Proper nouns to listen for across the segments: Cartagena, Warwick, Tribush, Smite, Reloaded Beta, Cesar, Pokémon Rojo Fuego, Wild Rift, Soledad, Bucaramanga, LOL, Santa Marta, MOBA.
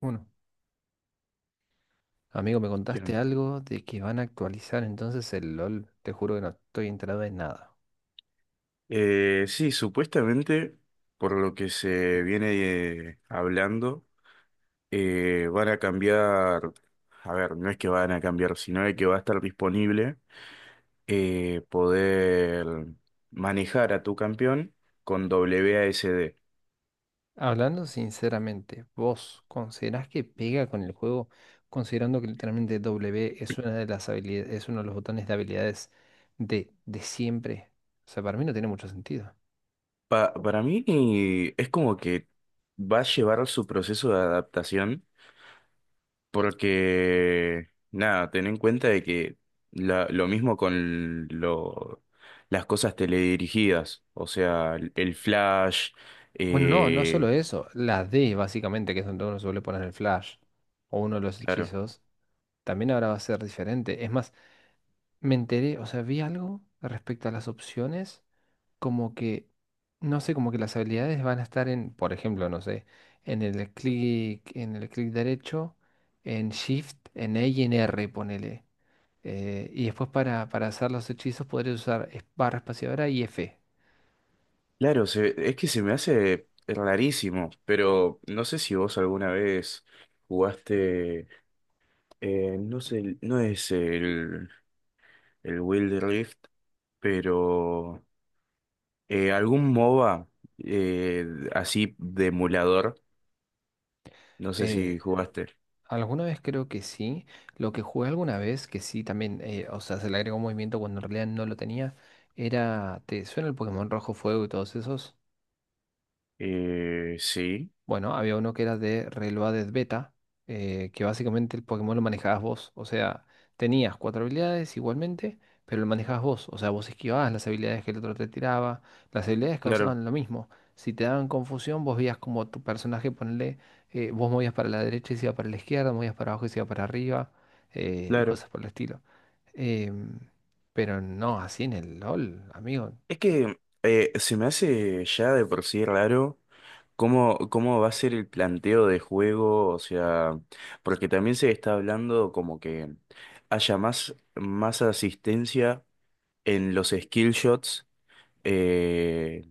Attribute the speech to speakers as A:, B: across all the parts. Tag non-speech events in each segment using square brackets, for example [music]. A: Uno. Amigo, me contaste
B: Claro.
A: algo de que van a actualizar entonces el LOL. Te juro que no estoy enterado de nada.
B: Sí, supuestamente, por lo que se viene hablando, van a cambiar. A ver, no es que van a cambiar, sino de que va a estar disponible poder manejar a tu campeón con W A S D.
A: Hablando sinceramente, ¿vos considerás que pega con el juego, considerando que literalmente W es una de las habilidades, es uno de los botones de habilidades de siempre? O sea, para mí no tiene mucho sentido.
B: Para mí es como que va a llevar su proceso de adaptación. Porque, nada, ten en cuenta de que lo mismo con las cosas teledirigidas, o sea, el flash,
A: Bueno, no solo
B: eh,
A: eso, la D básicamente, que es donde uno suele poner el flash o uno de los
B: claro.
A: hechizos, también ahora va a ser diferente. Es más, me enteré, o sea, vi algo respecto a las opciones, como que, no sé, como que las habilidades van a estar en, por ejemplo, no sé, en el clic derecho, en Shift, en E y en R, ponele. Y después para hacer los hechizos podré usar barra espaciadora y F.
B: Claro. Es que se me hace rarísimo, pero no sé si vos alguna vez jugaste. No sé, no es el Wild Rift, pero algún MOBA, eh, así de emulador, no sé
A: Eh,
B: si jugaste.
A: Alguna vez creo que sí. Lo que jugué alguna vez, que sí también, o sea, se le agregó un movimiento cuando en realidad no lo tenía, era, ¿te suena el Pokémon Rojo Fuego y todos esos?
B: Sí,
A: Bueno, había uno que era de Reloaded Beta, que básicamente el Pokémon lo manejabas vos. O sea, tenías cuatro habilidades igualmente, pero lo manejabas vos. O sea, vos esquivabas las habilidades que el otro te tiraba. Las habilidades
B: claro,
A: causaban lo mismo. Si te daban confusión, vos veías como tu personaje, ponle, vos movías para la derecha y se iba para la izquierda, movías para abajo y se iba para arriba, y
B: claro.
A: cosas por el estilo. Em, pero no así en el LOL, amigo.
B: Es que se me hace ya de por sí raro cómo va a ser el planteo de juego, o sea, porque también se está hablando como que haya más asistencia en los skill shots, eh,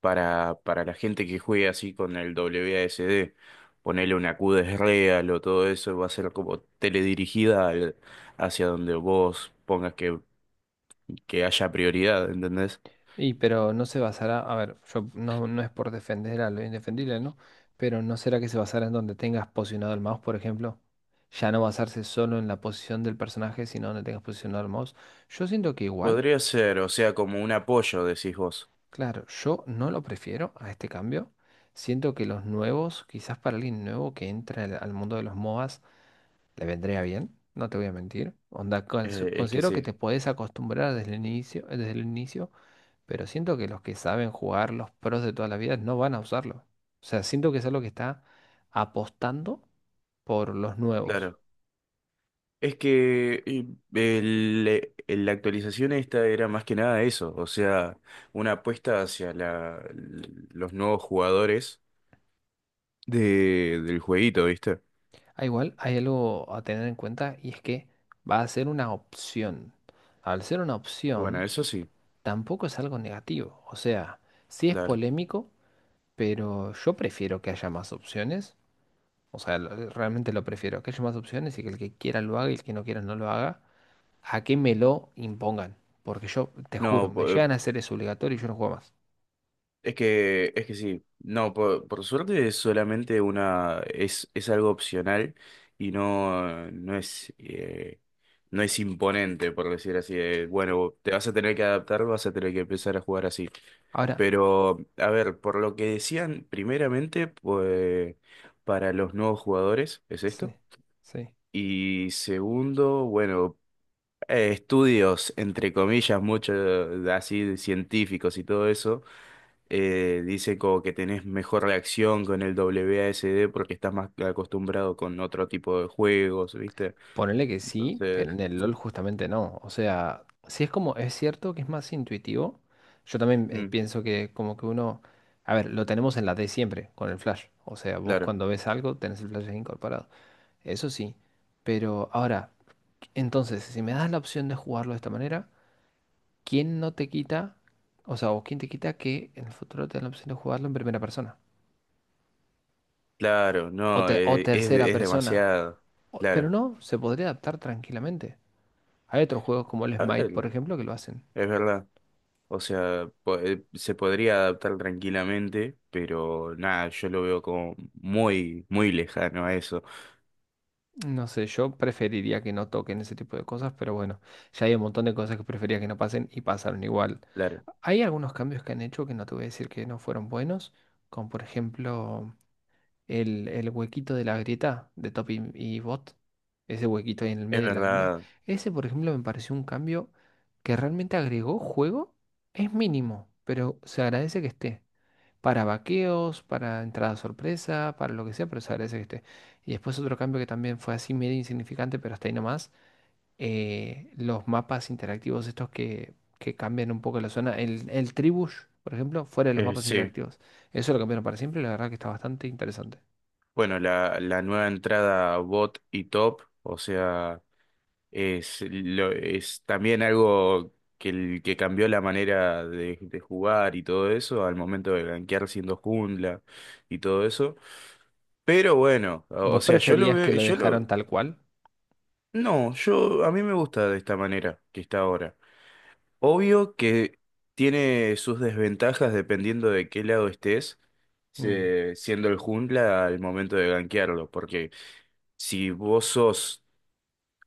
B: para la gente que juegue así con el WASD. Ponerle una Q de real o todo eso va a ser como teledirigida hacia donde vos pongas que haya prioridad, ¿entendés?
A: Y pero no se basará, a ver, yo no, no es por defender a lo indefendible, ¿no? Pero ¿no será que se basará en donde tengas posicionado el mouse, por ejemplo? Ya no basarse solo en la posición del personaje, sino donde tengas posicionado el mouse. Yo siento que igual,
B: Podría ser, o sea, como un apoyo, decís vos.
A: claro, yo no lo prefiero a este cambio. Siento que los nuevos, quizás para alguien nuevo que entra al mundo de los MOBAs, ¿te vendría bien? No te voy a mentir. Onda,
B: Es que
A: considero que
B: sí,
A: te podés acostumbrar desde el inicio, pero siento que los que saben jugar los pros de toda la vida no van a usarlo. O sea, siento que es algo que está apostando por los nuevos.
B: claro. Es que la actualización esta era más que nada eso, o sea, una apuesta hacia los nuevos jugadores del jueguito, ¿viste?
A: Ah, igual hay algo a tener en cuenta y es que va a ser una opción. Al ser una
B: Bueno,
A: opción,
B: eso sí,
A: tampoco es algo negativo. O sea, sí es
B: claro.
A: polémico, pero yo prefiero que haya más opciones. O sea, realmente lo prefiero. Que haya más opciones y que el que quiera lo haga y el que no quiera no lo haga. A que me lo impongan. Porque yo, te juro,
B: No,
A: me llegan a hacer eso obligatorio y yo no juego más.
B: es que sí, no, por suerte es solamente una, es algo opcional y no es, no es imponente, por decir así, de, bueno, te vas a tener que adaptar, vas a tener que empezar a jugar así.
A: Ahora,
B: Pero, a ver, por lo que decían, primeramente, pues, para los nuevos jugadores, ¿es
A: sí,
B: esto?
A: sí.
B: Y segundo, bueno, estudios, entre comillas, mucho así de científicos y todo eso, dice como que tenés mejor reacción con el W A S D porque estás más acostumbrado con otro tipo de juegos, ¿viste?
A: Ponele que sí, pero
B: Entonces,
A: en el LOL justamente no. O sea, sí es como, es cierto que es más intuitivo. Yo también
B: mm,
A: pienso que como que uno... A ver, lo tenemos en la D siempre, con el flash. O sea, vos
B: claro,
A: cuando ves algo tenés el flash ahí incorporado. Eso sí. Pero ahora, entonces, si me das la opción de jugarlo de esta manera... ¿quién no te quita, o sea, o quién te quita que en el futuro te den la opción de jugarlo en primera persona?
B: claro,
A: O,
B: no,
A: o tercera
B: es
A: persona.
B: demasiado,
A: Pero
B: claro.
A: no, se podría adaptar tranquilamente. Hay otros juegos como el
B: A
A: Smite, por
B: ver,
A: ejemplo, que lo hacen.
B: es verdad. O sea, se podría adaptar tranquilamente, pero nada, yo lo veo como muy, muy lejano a eso.
A: No sé, yo preferiría que no toquen ese tipo de cosas, pero bueno, ya hay un montón de cosas que prefería que no pasen y pasaron igual.
B: Claro,
A: Hay algunos cambios que han hecho que no te voy a decir que no fueron buenos, como por ejemplo... el huequito de la grieta de top y bot, ese huequito ahí en el
B: es
A: medio de la línea,
B: verdad,
A: ese por ejemplo me pareció un cambio que realmente agregó juego, es mínimo, pero se agradece que esté. Para vaqueos, para entrada sorpresa, para lo que sea, pero se agradece que esté. Y después otro cambio que también fue así medio insignificante, pero hasta ahí nomás, los mapas interactivos estos que cambian un poco la zona, el Tribush, por ejemplo, fuera de los mapas
B: sí.
A: interactivos. Eso lo cambiaron para siempre, y la verdad que está bastante interesante.
B: Bueno, la nueva entrada bot y top. O sea, es también algo que cambió la manera de jugar y todo eso al momento de gankear siendo jungla y todo eso. Pero bueno, o
A: ¿Vos
B: sea, yo lo
A: preferías que
B: veo,
A: lo
B: yo
A: dejaron
B: lo,
A: tal cual?
B: no, yo, a mí me gusta de esta manera que está ahora. Obvio que tiene sus desventajas dependiendo de qué lado estés,
A: Mm,
B: siendo el jungla al momento de gankearlo, porque si vos sos.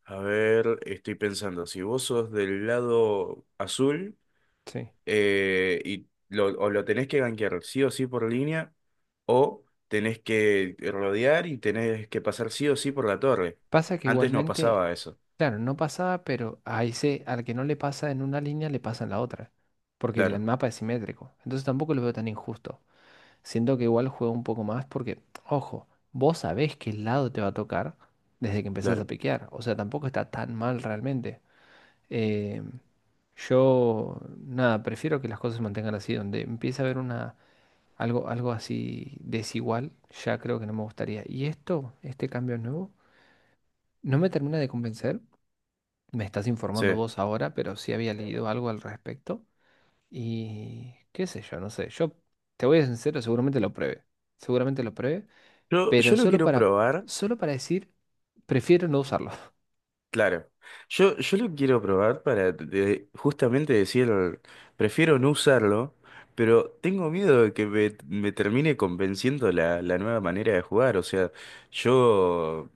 B: A ver, estoy pensando, si vos sos del lado azul,
A: sí.
B: o lo tenés que gankear sí o sí por línea, o tenés que rodear y tenés que pasar sí o sí por la torre.
A: Pasa que
B: Antes no
A: igualmente,
B: pasaba eso.
A: claro, no pasaba, pero a ese, al que no le pasa en una línea, le pasa en la otra. Porque el
B: Claro,
A: mapa es simétrico. Entonces tampoco lo veo tan injusto. Siento que igual juego un poco más porque, ojo, vos sabés qué lado te va a tocar desde que empezás a
B: claro.
A: piquear. O sea, tampoco está tan mal realmente. Eh, yo, nada, prefiero que las cosas se mantengan así, donde empieza a haber una... Algo, algo así desigual, ya creo que no me gustaría. Y esto, este cambio nuevo, no me termina de convencer. Me estás
B: Sí.
A: informando vos ahora, pero sí había leído algo al respecto. Y qué sé yo, no sé. Yo te voy a ser sincero, seguramente lo pruebe. Seguramente lo pruebe,
B: Yo,
A: pero
B: yo lo
A: solo
B: quiero
A: para,
B: probar.
A: solo para decir, prefiero no usarlo. [laughs]
B: Claro. Yo lo quiero probar para justamente decir, prefiero no usarlo, pero tengo miedo de que me termine convenciendo la nueva manera de jugar. O sea, yo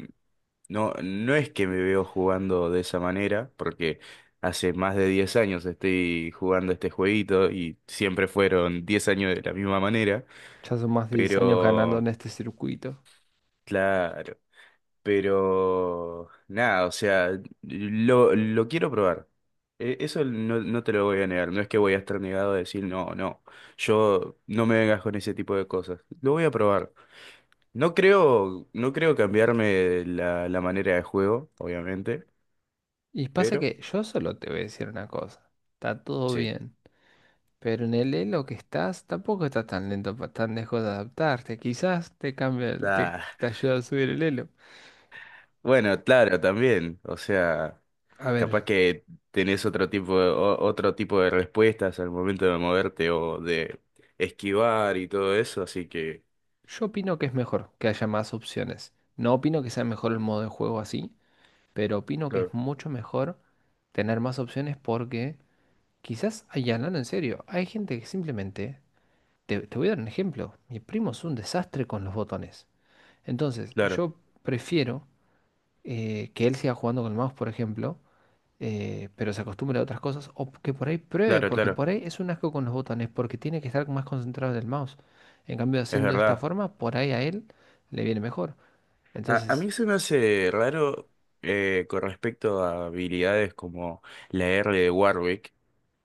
B: no es que me veo jugando de esa manera, porque hace más de 10 años estoy jugando este jueguito y siempre fueron 10 años de la misma manera,
A: Ya son más de 10 años ganando
B: pero
A: en este circuito.
B: claro. Pero nada, o sea, lo quiero probar. Eso no, no te lo voy a negar. No es que voy a estar negado a decir, no, no, yo no me vengas con ese tipo de cosas. Lo voy a probar. No creo cambiarme la manera de juego, obviamente,
A: Y pasa
B: pero
A: que yo solo te voy a decir una cosa. Está todo
B: sí.
A: bien. Pero en el elo que estás tampoco estás tan lento, tan lejos de adaptarte. Quizás te cambia,
B: Ah,
A: te ayuda a subir el elo.
B: bueno, claro, también. O sea,
A: A
B: capaz
A: ver,
B: que tenés otro tipo de respuestas al momento de moverte o de esquivar y todo eso, así que.
A: yo opino que es mejor que haya más opciones. No opino que sea mejor el modo de juego así, pero opino que es
B: Claro.
A: mucho mejor tener más opciones porque quizás, ay, hablando en serio, hay gente que simplemente, te voy a dar un ejemplo, mi primo es un desastre con los botones. Entonces,
B: Claro,
A: yo prefiero que él siga jugando con el mouse, por ejemplo, pero se acostumbre a otras cosas, o que por ahí pruebe,
B: claro,
A: porque
B: claro,
A: por ahí es un asco con los botones, porque tiene que estar más concentrado en el mouse. En cambio,
B: es
A: haciendo de esta
B: verdad.
A: forma, por ahí a él le viene mejor.
B: A
A: Entonces,
B: mí se me hace raro, con respecto a habilidades como la R de Warwick,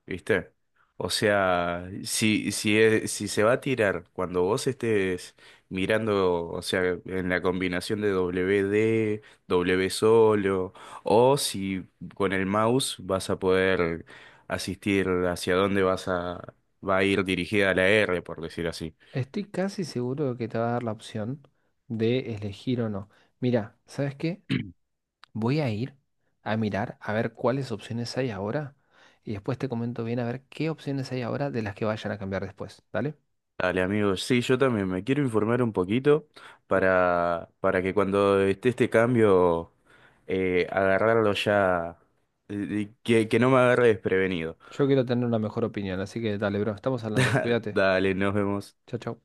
B: ¿viste? O sea, si se va a tirar cuando vos estés mirando, o sea, en la combinación de W D, W solo, o si con el mouse vas a poder asistir hacia dónde va a ir dirigida la R, por decir así.
A: estoy casi seguro que te va a dar la opción de elegir o no. Mira, ¿sabes qué?
B: [clears throat]
A: Voy a ir a mirar a ver cuáles opciones hay ahora y después te comento bien a ver qué opciones hay ahora de las que vayan a cambiar después, ¿dale?
B: Dale, amigos. Sí, yo también me quiero informar un poquito para que cuando esté este cambio, agarrarlo ya, que no me agarre desprevenido.
A: Yo quiero tener una mejor opinión, así que dale, bro, estamos hablando,
B: [laughs]
A: cuídate.
B: Dale, nos vemos.
A: Chao, chao.